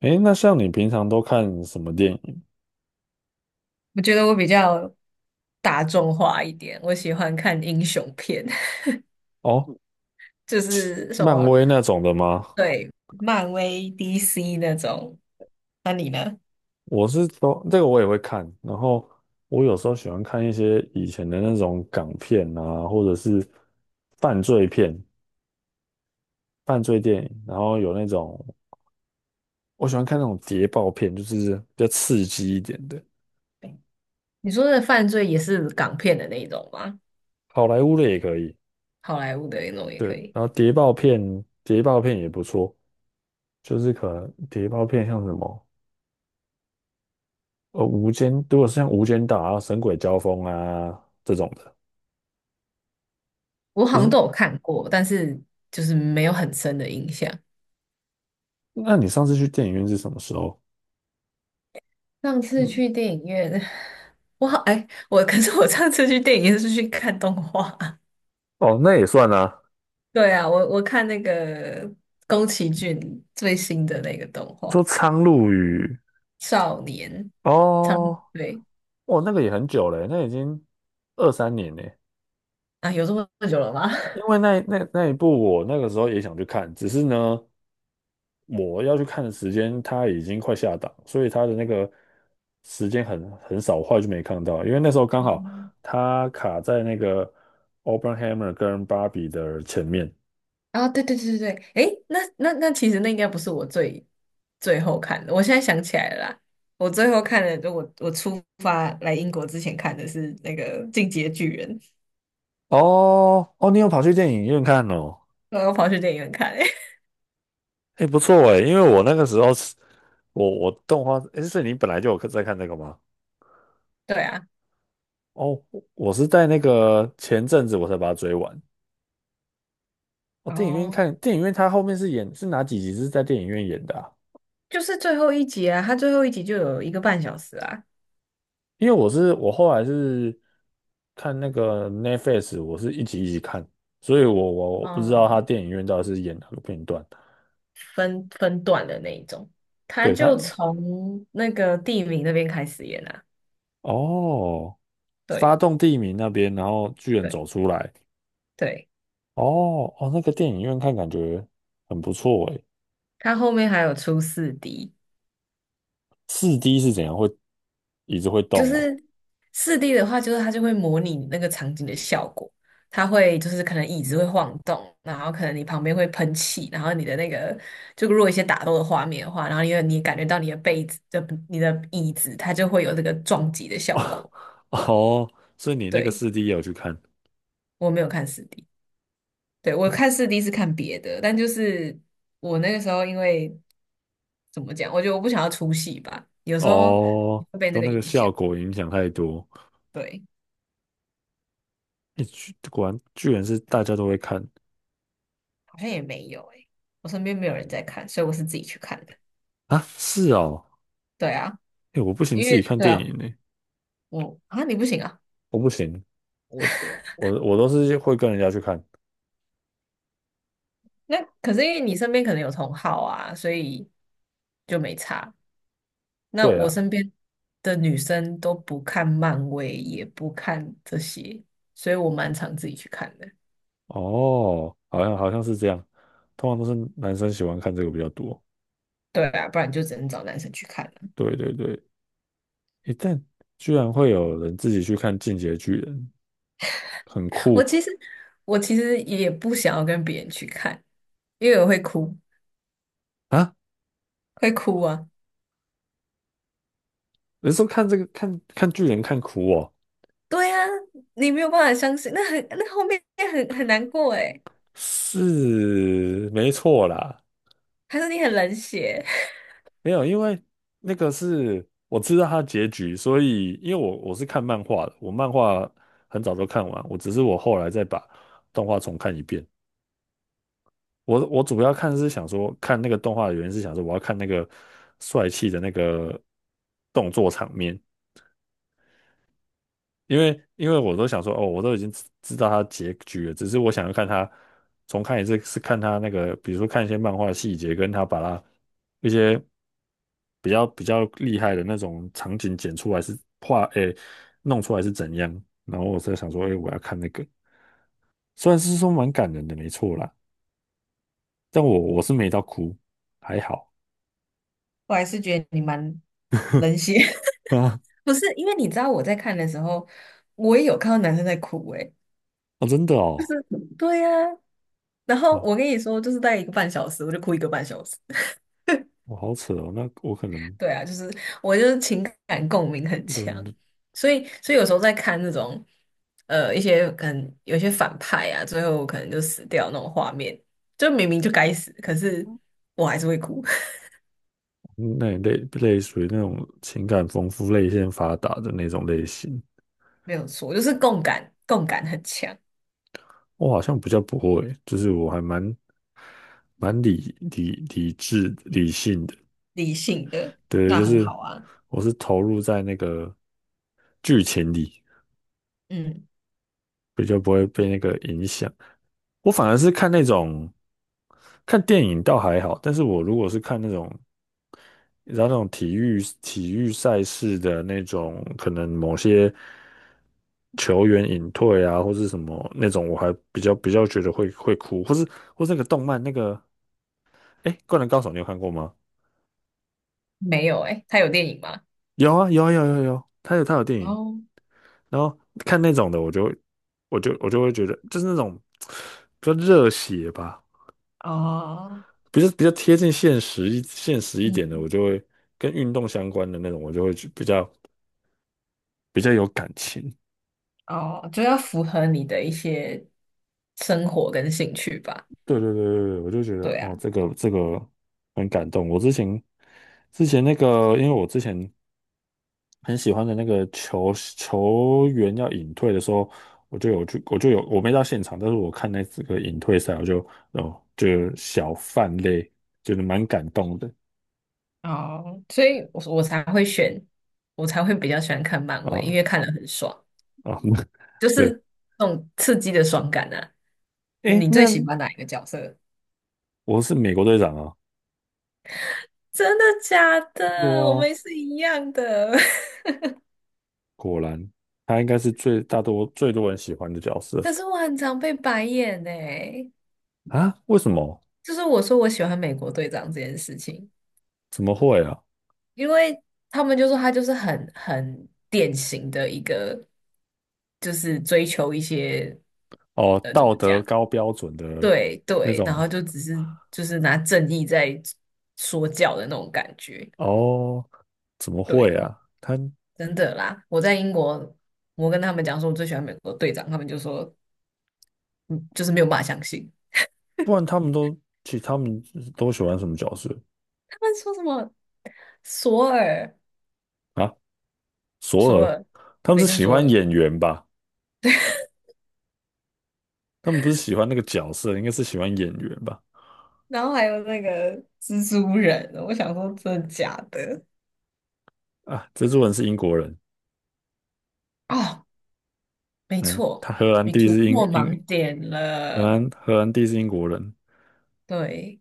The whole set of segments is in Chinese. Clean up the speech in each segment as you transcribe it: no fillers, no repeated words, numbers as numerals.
诶，那像你平常都看什么电影？我觉得我比较大众化一点。我喜欢看英雄片，哦，就是什漫么，威那种的吗？对，漫威、DC 那种。那你呢？我是说，这个我也会看，然后我有时候喜欢看一些以前的那种港片啊，或者是犯罪片、犯罪电影，然后有那种我喜欢看那种谍报片，就是比较刺激一点的，你说的犯罪也是港片的那一种吗？好莱坞的也可以，好莱坞的那种也对，可以。然后谍报片，谍报片也不错，就是可能谍报片像什么？呃，无间，如果是像《无间道》啊、《神鬼交锋》啊这种的，我就好像是都有看过，但是就是没有很深的印象。那你上次去电影院是什么时候？上次嗯，去电影院，我好，哎，我可是我上次去电影院是去看动画。哦，那也算啊。对啊，我看那个宫崎骏最新的那个动画。说《苍鹭与》少年，苍哦，对哦，那个也很久了，那已经23年了。啊，有这么久了吗？因 为那一部我那个时候也想去看，只是呢，我要去看的时间它已经快下档，所以它的那个时间很少，我后来就没看到。因为那时候刚好哦，它卡在那个 Openhammer 跟芭比的前面。啊，对对对对对，诶，那其实那应该不是我最后看的，我现在想起来了啦。我最后看的，就我出发来英国之前看的是那个《进击的巨人》，哦哦，你有跑去电影院看哦？然后跑去电影院看、欸，哎，不错哎，因为我那个时候是，我动画，哎，是你本来就有在看这个吗？对啊。哦，我是在那个前阵子我才把它追完。哦，电影院哦，看，电影院它后面是演是哪几集是在电影院演的啊？就是最后一集啊，它最后一集就有一个半小时啊。因为我后来是看那个 Netflix，我是一集一集看，所以我不知道它啊，电影院到底是演哪个片段。分段的那一种，它对就它，从那个地名那边开始演啊。哦，发对。动地名那边，然后巨人走对。出来。对，哦哦，那个电影院看感觉很不错诶。它后面还有出四 D。四 D 是怎样？椅子会就动哦？是四 D 的话，就是它就会模拟你那个场景的效果，它会就是可能椅子会晃动，然后可能你旁边会喷气，然后你的那个就如果一些打斗的画面的话，然后因为你感觉到你的被子的你的椅子，它就会有这个撞击的效 果。哦，所以你那个对，四 D 也有去看？我没有看四 D。对，我看四 D 是看别的，但就是我那个时候因为怎么讲，我觉得我不想要出戏吧，有时候哦，会被那都个那个影效响。果影响太多。对。诶，果然居然是大家都会看。好像也没有诶、我身边没有人在看，所以我是自己去看的。啊！是哦，对啊，诶，我不行因自己为看对电啊，影呢，我啊你不行啊。我不行，我我都是会跟人家去看。那可是因为你身边可能有同好啊，所以就没差。那对我啊，身边的女生都不看漫威，也不看这些，所以我蛮常自己去看的。哦，好像是这样，通常都是男生喜欢看这个比较多。对啊，不然就只能找男生去看了。对对对，诶，但居然会有人自己去看《进击的巨人》，很我酷。其实我其实也不想要跟别人去看，因为我会哭，啊！会哭啊。人说看这个看看巨人看哭哦，对啊，你没有办法相信，那很那后面很难过诶。是没错啦。还是你很冷血？没有，因为那个是我知道它的结局，所以因为我是看漫画的，我漫画很早都看完，我只是我后来再把动画重看一遍。我主要看是想说看那个动画的原因是想说我要看那个帅气的那个动作场面。因为我都想说，哦，我都已经知道它结局了，只是我想要看它重看一次，是看它那个，比如说看一些漫画的细节，跟它把它一些比较厉害的那种场景剪出来是画，诶，弄出来是怎样。然后我在想说，诶，我要看那个，虽然是说蛮感人的，没错啦，但我是没到哭，还好。 我还是觉得你蛮冷血。不是，因为你知道我在看的时候，我也有看到男生在哭诶。啊，真的哦，对呀、然后哦，我跟你说，就是大概一个半小时，我就哭一个半小时。我好扯哦，那我可能 对啊，就是我就是情感共鸣很强，对，所以有时候在看那种一些可能有些反派啊，最后可能就死掉那种画面，就明明就该死，可是我还是会哭。那那类属于那种情感丰富、泪腺发达的那种类型。没有错，就是共感，共感很强。我好像比较不会，就是我还蛮理智理性的，理性的，对，那就很是好啊。我是投入在那个剧情里，嗯，比较不会被那个影响。我反而是看那种看电影倒还好，但是我如果是看那种然后那种体育赛事的那种，可能某些球员隐退啊，或是什么那种，我还比较觉得会哭，或是那个动漫那个，哎，《灌篮高手》你有看过吗？没有诶、他有电影吗？有啊有啊有啊有啊有，他有电哦影，然后看那种的，我就会觉得就是那种比较热血吧，哦比较贴近现实一点的，我嗯，就会跟运动相关的那种，我就会去比较有感情。哦，就要符合你的一些生活跟兴趣吧。对对对对对，我就觉得对啊，哦，这个很感动。我之前那个，因为我之前很喜欢的那个球员要隐退的时候，我就有去，我就有我没到现场，但是我看这个隐退赛，我就哦就小泛泪，觉得蛮感动的。哦，所以我才会选，我才会比较喜欢看漫威，因啊为看了很爽，啊，就对，是那种刺激的爽感啊。诶，你最那喜欢哪一个角色？我是美国队长啊，真的假对的？我啊，们是一样的。果然他应该是最多人喜欢的角色。可是我很常被白眼呢、啊？为什么？就是我说我喜欢美国队长这件事情，怎么会啊？因为他们就说他就是很典型的一个，就是追求一些哦，呃怎么道德讲，高标准的对那对，然种后就只是就是拿正义在说教的那种感觉。哦，怎么会对，啊？真的啦，我在英国，我跟他们讲说我最喜欢美国队长，他们就说嗯，就是没有办法相信。不然他们都其实他们都喜欢什么角色？他们说什么索尔啊？索索尔，尔。他们雷是神喜索欢尔，演员吧？他们不是喜欢那个角色，应该是喜欢演员吧？然后还有那个蜘蛛人，我想说真的假的？啊，蜘蛛人是英国人，哦，没嗯，错，他荷兰你弟突是破盲点荷了。兰荷兰弟是英国人。对，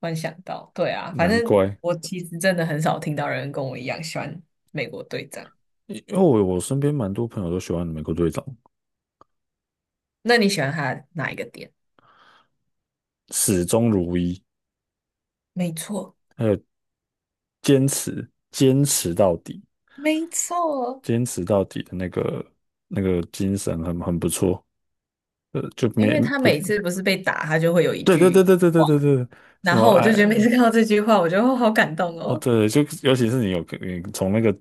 突然想到，对啊，反难正怪，我其实真的很少听到人跟我一样喜欢美国队长。因为我身边蛮多朋友都喜欢美国队长。那你喜欢他哪一个点？始终如一，没错，还有坚持到底。没错，坚持到底的那个精神很不错，呃，就因没为他不，每次不是被打，他就会有一对对对句对对对话，对对，什然么后我爱就觉得每次看到这句话，我就哦好感动哦，哦。对，就尤其是你有你从那个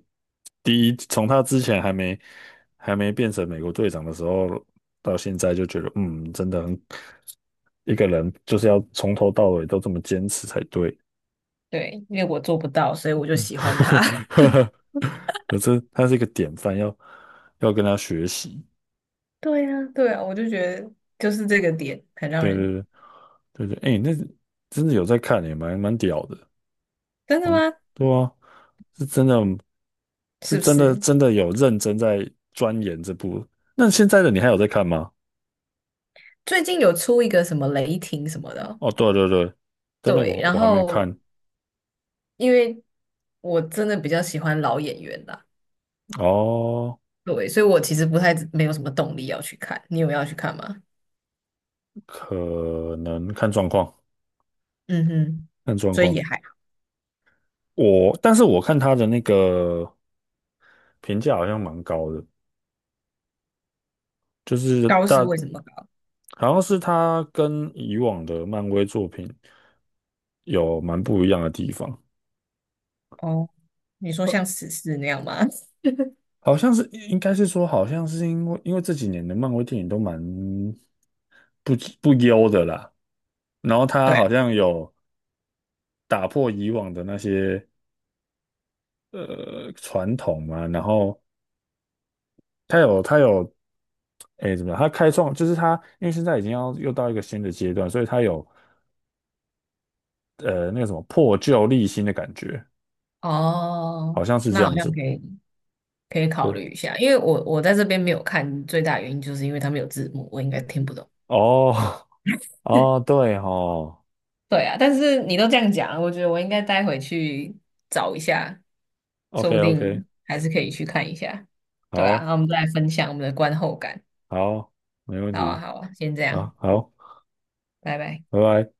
第一，从他之前还没变成美国队长的时候，到现在就觉得嗯，真的很一个人就是要从头到尾都这么坚持才对，对，因为我做不到，所以我就 喜欢他。呵呵呵可是他是一个典范，要跟他学习。对呀，对啊，我就觉得就是这个点很让对人。对对对对，哎，那真的有在看也蛮屌的，真的蛮吗？对啊，是真的，是是不真的是？真的有认真在钻研这部。那现在的你还有在看吗？最近有出一个什么雷霆什么的哦哦，对对对，真的对，我然我还没后看。因为我真的比较喜欢老演员啦。哦，对，所以我其实不太没有什么动力要去看。你有要去看吗？可能看状况，嗯哼，看状所以况。也还好。但是我看他的那个评价好像蛮高的，就是高是为什么高？好像是他跟以往的漫威作品有蛮不一样的地方。哦，你说像史诗那样吗？好像是应该是说，好像是因为这几年的漫威电影都蛮不不优的啦，然后 他对好像有打破以往的那些传统嘛，然后他有诶怎么样，他开创就是他因为现在已经要又到一个新的阶段，所以他有那个什么破旧立新的感觉，啊，哦，好像是这那好样像子。可以考对，虑一下，因为我我在这边没有看，最大原因就是因为他们有字幕，我应该听不懂。哦， 哦对哦 对啊，但是你都这样讲了，我觉得我应该待会去找一下，o 说 k 不 OK，定还是可以去看一下。对啊，然好后我们再来分享我们的观后感。好，没问好啊，题，好啊，先这样，好好，拜拜。拜拜。